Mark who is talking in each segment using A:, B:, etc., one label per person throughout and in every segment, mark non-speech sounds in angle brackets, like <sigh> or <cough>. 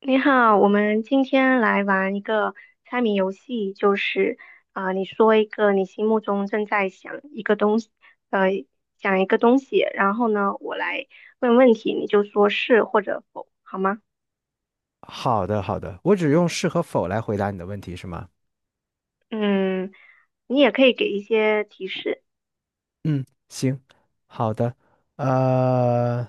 A: 你好，我们今天来玩一个猜谜游戏，就是你说一个你心目中正在想一个东西，呃，想一个东西，然后呢，我来问问题，你就说是或者否，好吗？
B: 好的，好的，我只用是和否来回答你的问题是吗？
A: 嗯，你也可以给一些提示。
B: 嗯，行，好的，呃，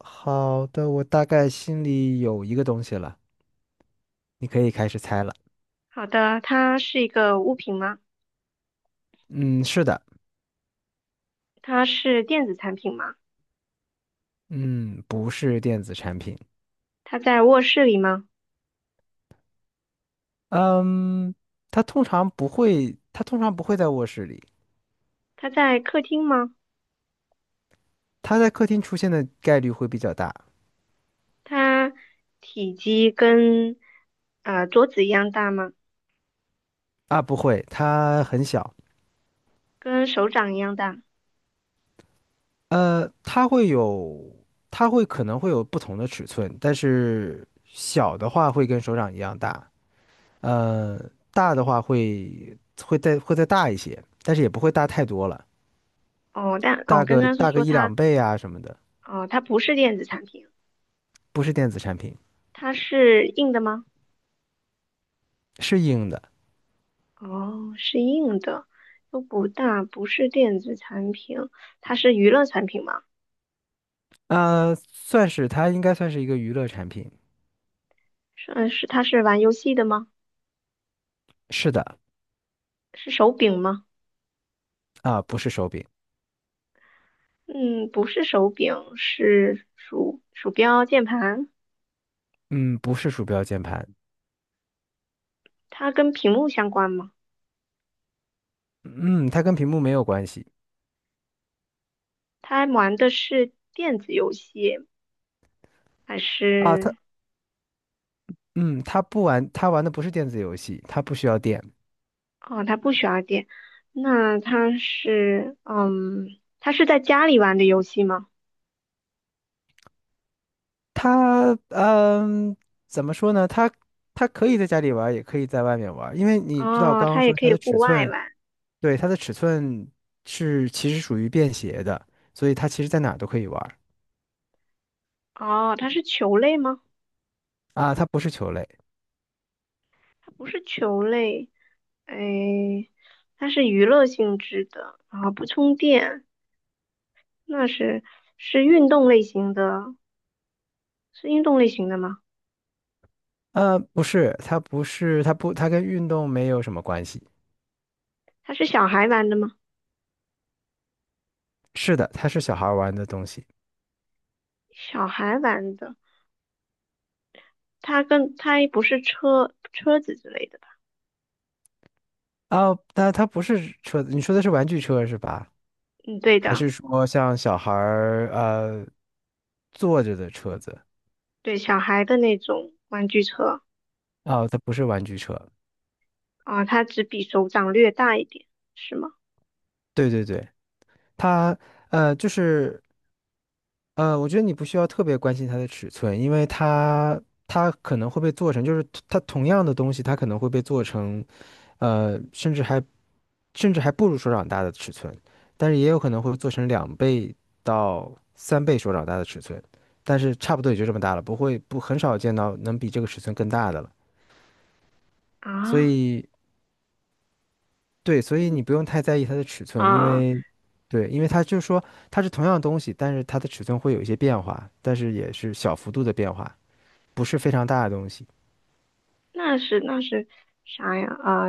B: 好的，我大概心里有一个东西了，你可以开始猜了。
A: 好的，它是一个物品吗？
B: 嗯，是的。
A: 它是电子产品吗？
B: 嗯，不是电子产品。
A: 它在卧室里吗？
B: 嗯，它通常不会在卧室里。
A: 它在客厅吗？
B: 它在客厅出现的概率会比较大。
A: 它体积跟桌子一样大吗？
B: 啊，不会，它很小。
A: 跟手掌一样大。
B: 呃，它会有，它可能会有不同的尺寸，但是小的话会跟手掌一样大。呃，大的话会会再大一些，但是也不会大太多了，
A: 哦，但哦，
B: 大
A: 刚
B: 个
A: 刚是说
B: 一
A: 它，
B: 两倍啊什么的。
A: 哦，它不是电子产品，
B: 不是电子产品，
A: 它是硬的吗？
B: 是硬的。
A: 哦，是硬的，又不大，不是电子产品，它是娱乐产品吗？
B: 算是，它应该算是一个娱乐产品。
A: 是是，它是玩游戏的吗？
B: 是的。
A: 是手柄吗？
B: 啊，不是手柄。
A: 嗯，不是手柄，是鼠标、键盘。
B: 嗯，不是鼠标键盘。
A: 它跟屏幕相关吗？
B: 嗯，它跟屏幕没有关系。
A: 它玩的是电子游戏还
B: 啊，
A: 是
B: 它，嗯，它玩的不是电子游戏，它不需要电。
A: 哦，他不需要电，那他是，嗯，他是在家里玩的游戏吗？
B: 它嗯，怎么说呢？它可以在家里玩儿也可以在外面玩儿，因为你知道我
A: 哦，
B: 刚刚
A: 他也
B: 说
A: 可
B: 它
A: 以
B: 的
A: 户
B: 尺
A: 外
B: 寸。
A: 玩。
B: 对，它的尺寸是其实属于便携的，所以它其实在哪儿都可以玩儿。
A: 哦，它是球类吗？
B: 啊，它不是球类。
A: 它不是球类，哎，它是娱乐性质的，然后不充电，那是是运动类型的，是运动类型的吗？
B: 呃，不是，它不是，它不，它跟运动没有什么关系。
A: 它是小孩玩的吗？
B: 是的，它是小孩儿玩的东西。
A: 小孩玩的，它跟它不是车子之类的吧？
B: 啊，但它不是车，你说的是玩具车是吧？
A: 嗯，对
B: 还
A: 的，
B: 是说像小孩儿坐着的车子？
A: 对，小孩的那种玩具车。
B: 哦，它不是玩具车。
A: 啊，它只比手掌略大一点，是吗？
B: 对对对，它呃，就是我觉得你不需要特别关心它的尺寸，因为它可能会被做成，就是它同样的东西，它可能会被做成甚至还不如手掌大的尺寸，但是也有可能会做成两倍到三倍手掌大的尺寸，但是差不多也就这么大了，不会，不很少见到能比这个尺寸更大的了，所
A: 啊
B: 以。对，所以你不用太在意它的尺寸，因
A: 啊，
B: 为，对，因为它就是说它是同样的东西，但是它的尺寸会有一些变化，但是也是小幅度的变化，不是非常大的东西。
A: 那是那是啥呀？啊，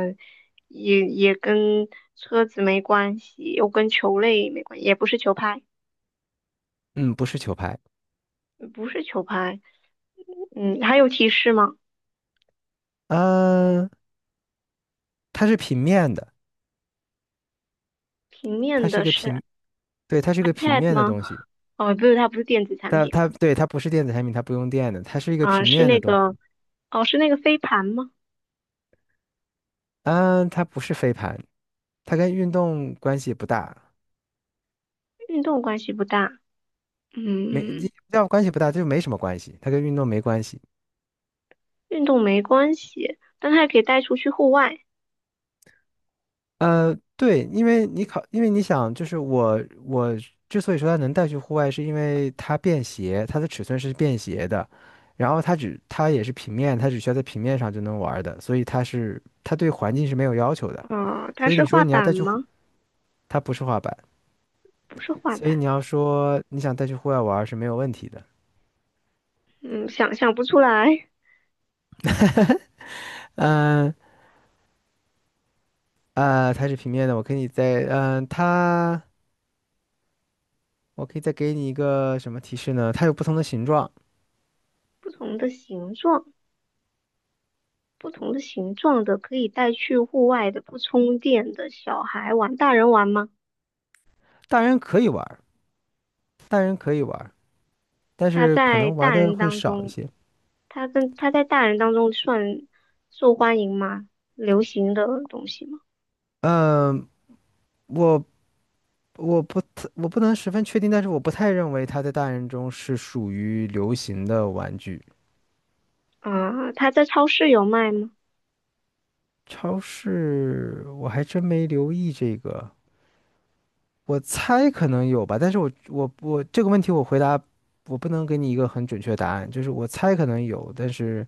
A: 也跟车子没关系，又跟球类没关系，也不是球拍，
B: 嗯，不是球拍。
A: 嗯不是球拍。嗯，还有提示吗？
B: 嗯、它是平面的，
A: 平
B: 它
A: 面
B: 是一
A: 的
B: 个
A: 是
B: 平，对，它是一个平
A: iPad
B: 面的
A: 吗？
B: 东西。
A: 哦，不是，它不是电子产
B: 它
A: 品
B: 它对它不是电子产品，它不用电的，它是一个
A: 啊，
B: 平
A: 是
B: 面的
A: 那
B: 东
A: 个，
B: 西。
A: 哦，是那个飞盘吗？
B: 嗯，它不是飞盘，它跟运动关系不大。
A: 运动关系不大，
B: 没，
A: 嗯，
B: 要关系不大，就没什么关系，它跟运动没关系。
A: 运动没关系，但它也可以带出去户外。
B: 对，因为因为你想，就是我之所以说它能带去户外，是因为它便携，它的尺寸是便携的，然后它也是平面，它只需要在平面上就能玩儿的，所以它是它对环境是没有要求的。
A: 嗯，它
B: 所以
A: 是
B: 你说
A: 画
B: 你要
A: 板
B: 带去户，
A: 吗？
B: 它不是滑板，
A: 不是画
B: 所以
A: 板，
B: 你要说你想带去户外玩儿是没有问题的。
A: 嗯，想象不出来。
B: 嗯它是平面的，我可以再给你一个什么提示呢？它有不同的形状。
A: 不同的形状，不同的形状的可以带去户外的不充电的小孩玩，大人玩吗？
B: 大人可以玩儿，大人可以玩，但
A: 他
B: 是可
A: 在
B: 能玩
A: 大
B: 的
A: 人
B: 会
A: 当
B: 少一
A: 中，
B: 些。
A: 他在大人当中算受欢迎吗？流行的东西吗？
B: 嗯，我我不能十分确定，但是我不太认为它在大人中是属于流行的玩具。
A: 他在超市有卖吗？
B: 超市我还真没留意这个，我猜可能有吧，但是我这个问题我回答，我不能给你一个很准确的答案，就是我猜可能有，但是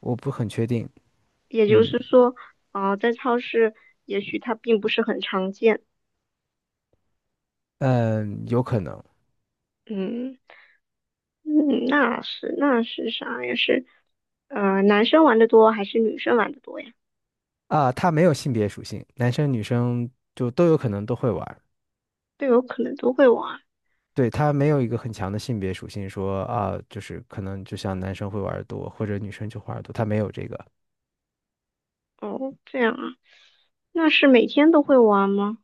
B: 我不很确定。
A: 也就
B: 嗯
A: 是说，啊、在超市也许它并不是很常见。
B: 嗯，有可能。
A: 嗯。嗯，那是那是啥呀？是男生玩的多还是女生玩的多呀？
B: 啊，它没有性别属性，男生女生就都有可能都会玩。
A: 队友可能都会玩。
B: 对，他没有一个很强的性别属性，说啊，就是可能就像男生会玩的多，或者女生就玩多，多。它没有这个。
A: 哦，这样啊，那是每天都会玩吗？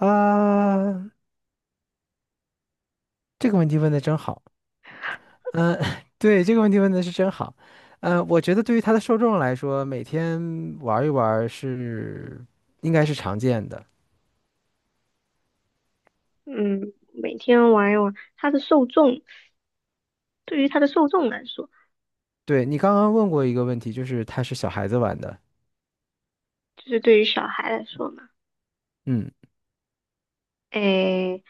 B: 啊，这个问题问的真好。嗯，<laughs> 对，这个问题问的是真好。嗯，我觉得对于他的受众来说，每天玩一玩是应该是常见的。
A: 嗯，每天玩一玩。它的受众，对于它的受众来说，
B: 对，你刚刚问过一个问题，就是它是小孩子玩的。
A: 就是对于小孩来说嘛，
B: 嗯。
A: 诶，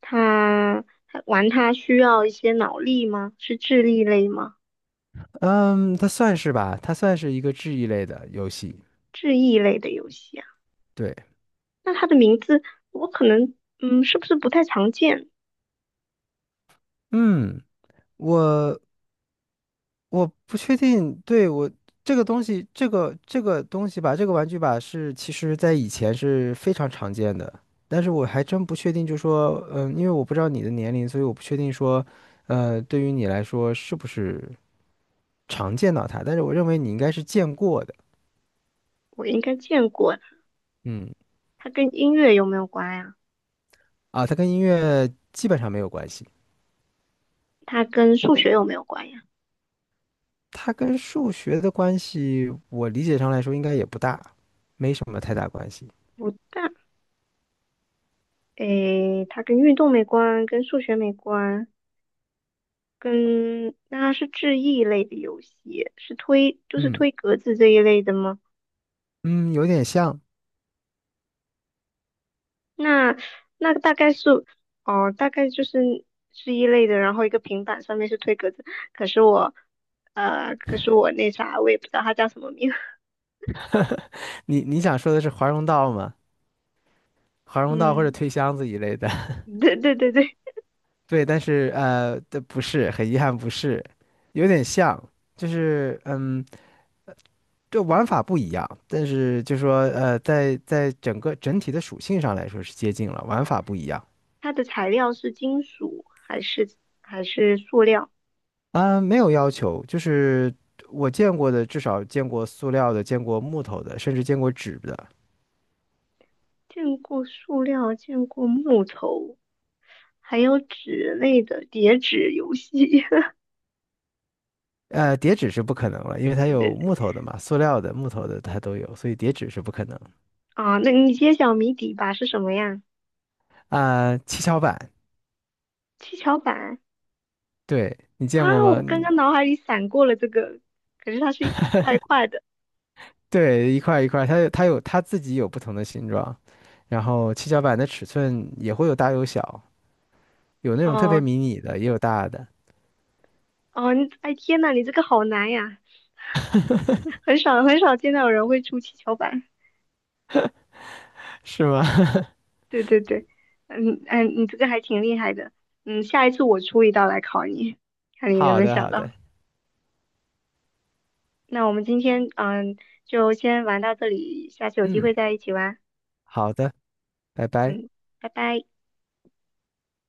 A: 他玩他需要一些脑力吗？是智力类吗？
B: 嗯，它算是吧，它算是一个治愈类的游戏。
A: 智力类的游戏啊？
B: 对。
A: 那它的名字我可能嗯，是不是不太常见？
B: 嗯。我我不确定。对，这个东西，这个东西吧，这个玩具吧是其实在以前是非常常见的，但是我还真不确定，就说，嗯，因为我不知道你的年龄，所以我不确定说，对于你来说是不是常见到它，但是我认为你应该是见过的。
A: 我应该见过。
B: 嗯。
A: 它跟音乐有没有关呀？
B: 啊，它跟音乐基本上没有关系。
A: 它跟数学有没有关呀？
B: 它跟数学的关系，我理解上来说应该也不大，没什么太大关系。
A: 不大，诶，它跟运动没关，跟数学没关，跟那它是智力类的游戏，是推就是
B: 嗯
A: 推格子这一类的吗？
B: 嗯，有点像。
A: 那那大概是哦，大概就是是一类的，然后一个平板上面是推格子，可是我可是我那啥，我也不知道它叫什么名，
B: 你想说的是华容道吗？华
A: <laughs>
B: 容道或者
A: 嗯，
B: 推箱子一类的。<laughs>
A: 对对对对，
B: 对，但是这不是，很遗憾不是，有点像。就是嗯，这玩法不一样，但是就说在整个整体的属性上来说是接近了，玩
A: 哦，
B: 法不一样。
A: 它的材料是金属还是还是塑料？
B: 啊、没有要求，就是我见过的，至少见过塑料的，见过木头的，甚至见过纸的。
A: 见过塑料，见过木头，还有纸类的叠纸游戏。<laughs>
B: 呃，叠纸是不可能了，因为它
A: 对对
B: 有
A: 对，
B: 木头的嘛，塑料的、木头的它都有，所以叠纸是不可能。
A: 啊，那你揭晓谜底吧，是什么呀？
B: 啊、七巧板。
A: 七巧板
B: 对，你
A: 啊，
B: 见过吗？
A: 我刚刚脑海里闪过了这个，可是它是一块一块的。
B: 对，一块一块，它自己有不同的形状，然后七巧板的尺寸也会有大有小，有那种特别
A: 哦
B: 迷你的，也有大的。
A: 哦，你哎天呐，你这个好难呀，很少很少见到有人会出七巧板。
B: <laughs> 是吗？<laughs>
A: 对对对，嗯嗯，你这个还挺厉害的。嗯，下一次我出一道来考你，看你能不
B: 好
A: 能
B: 的，
A: 想
B: 好
A: 到。
B: 的。
A: 那我们今天嗯，就先玩到这里，下次有机
B: 嗯，
A: 会再一起玩。
B: 好的。拜拜。
A: 嗯，拜拜。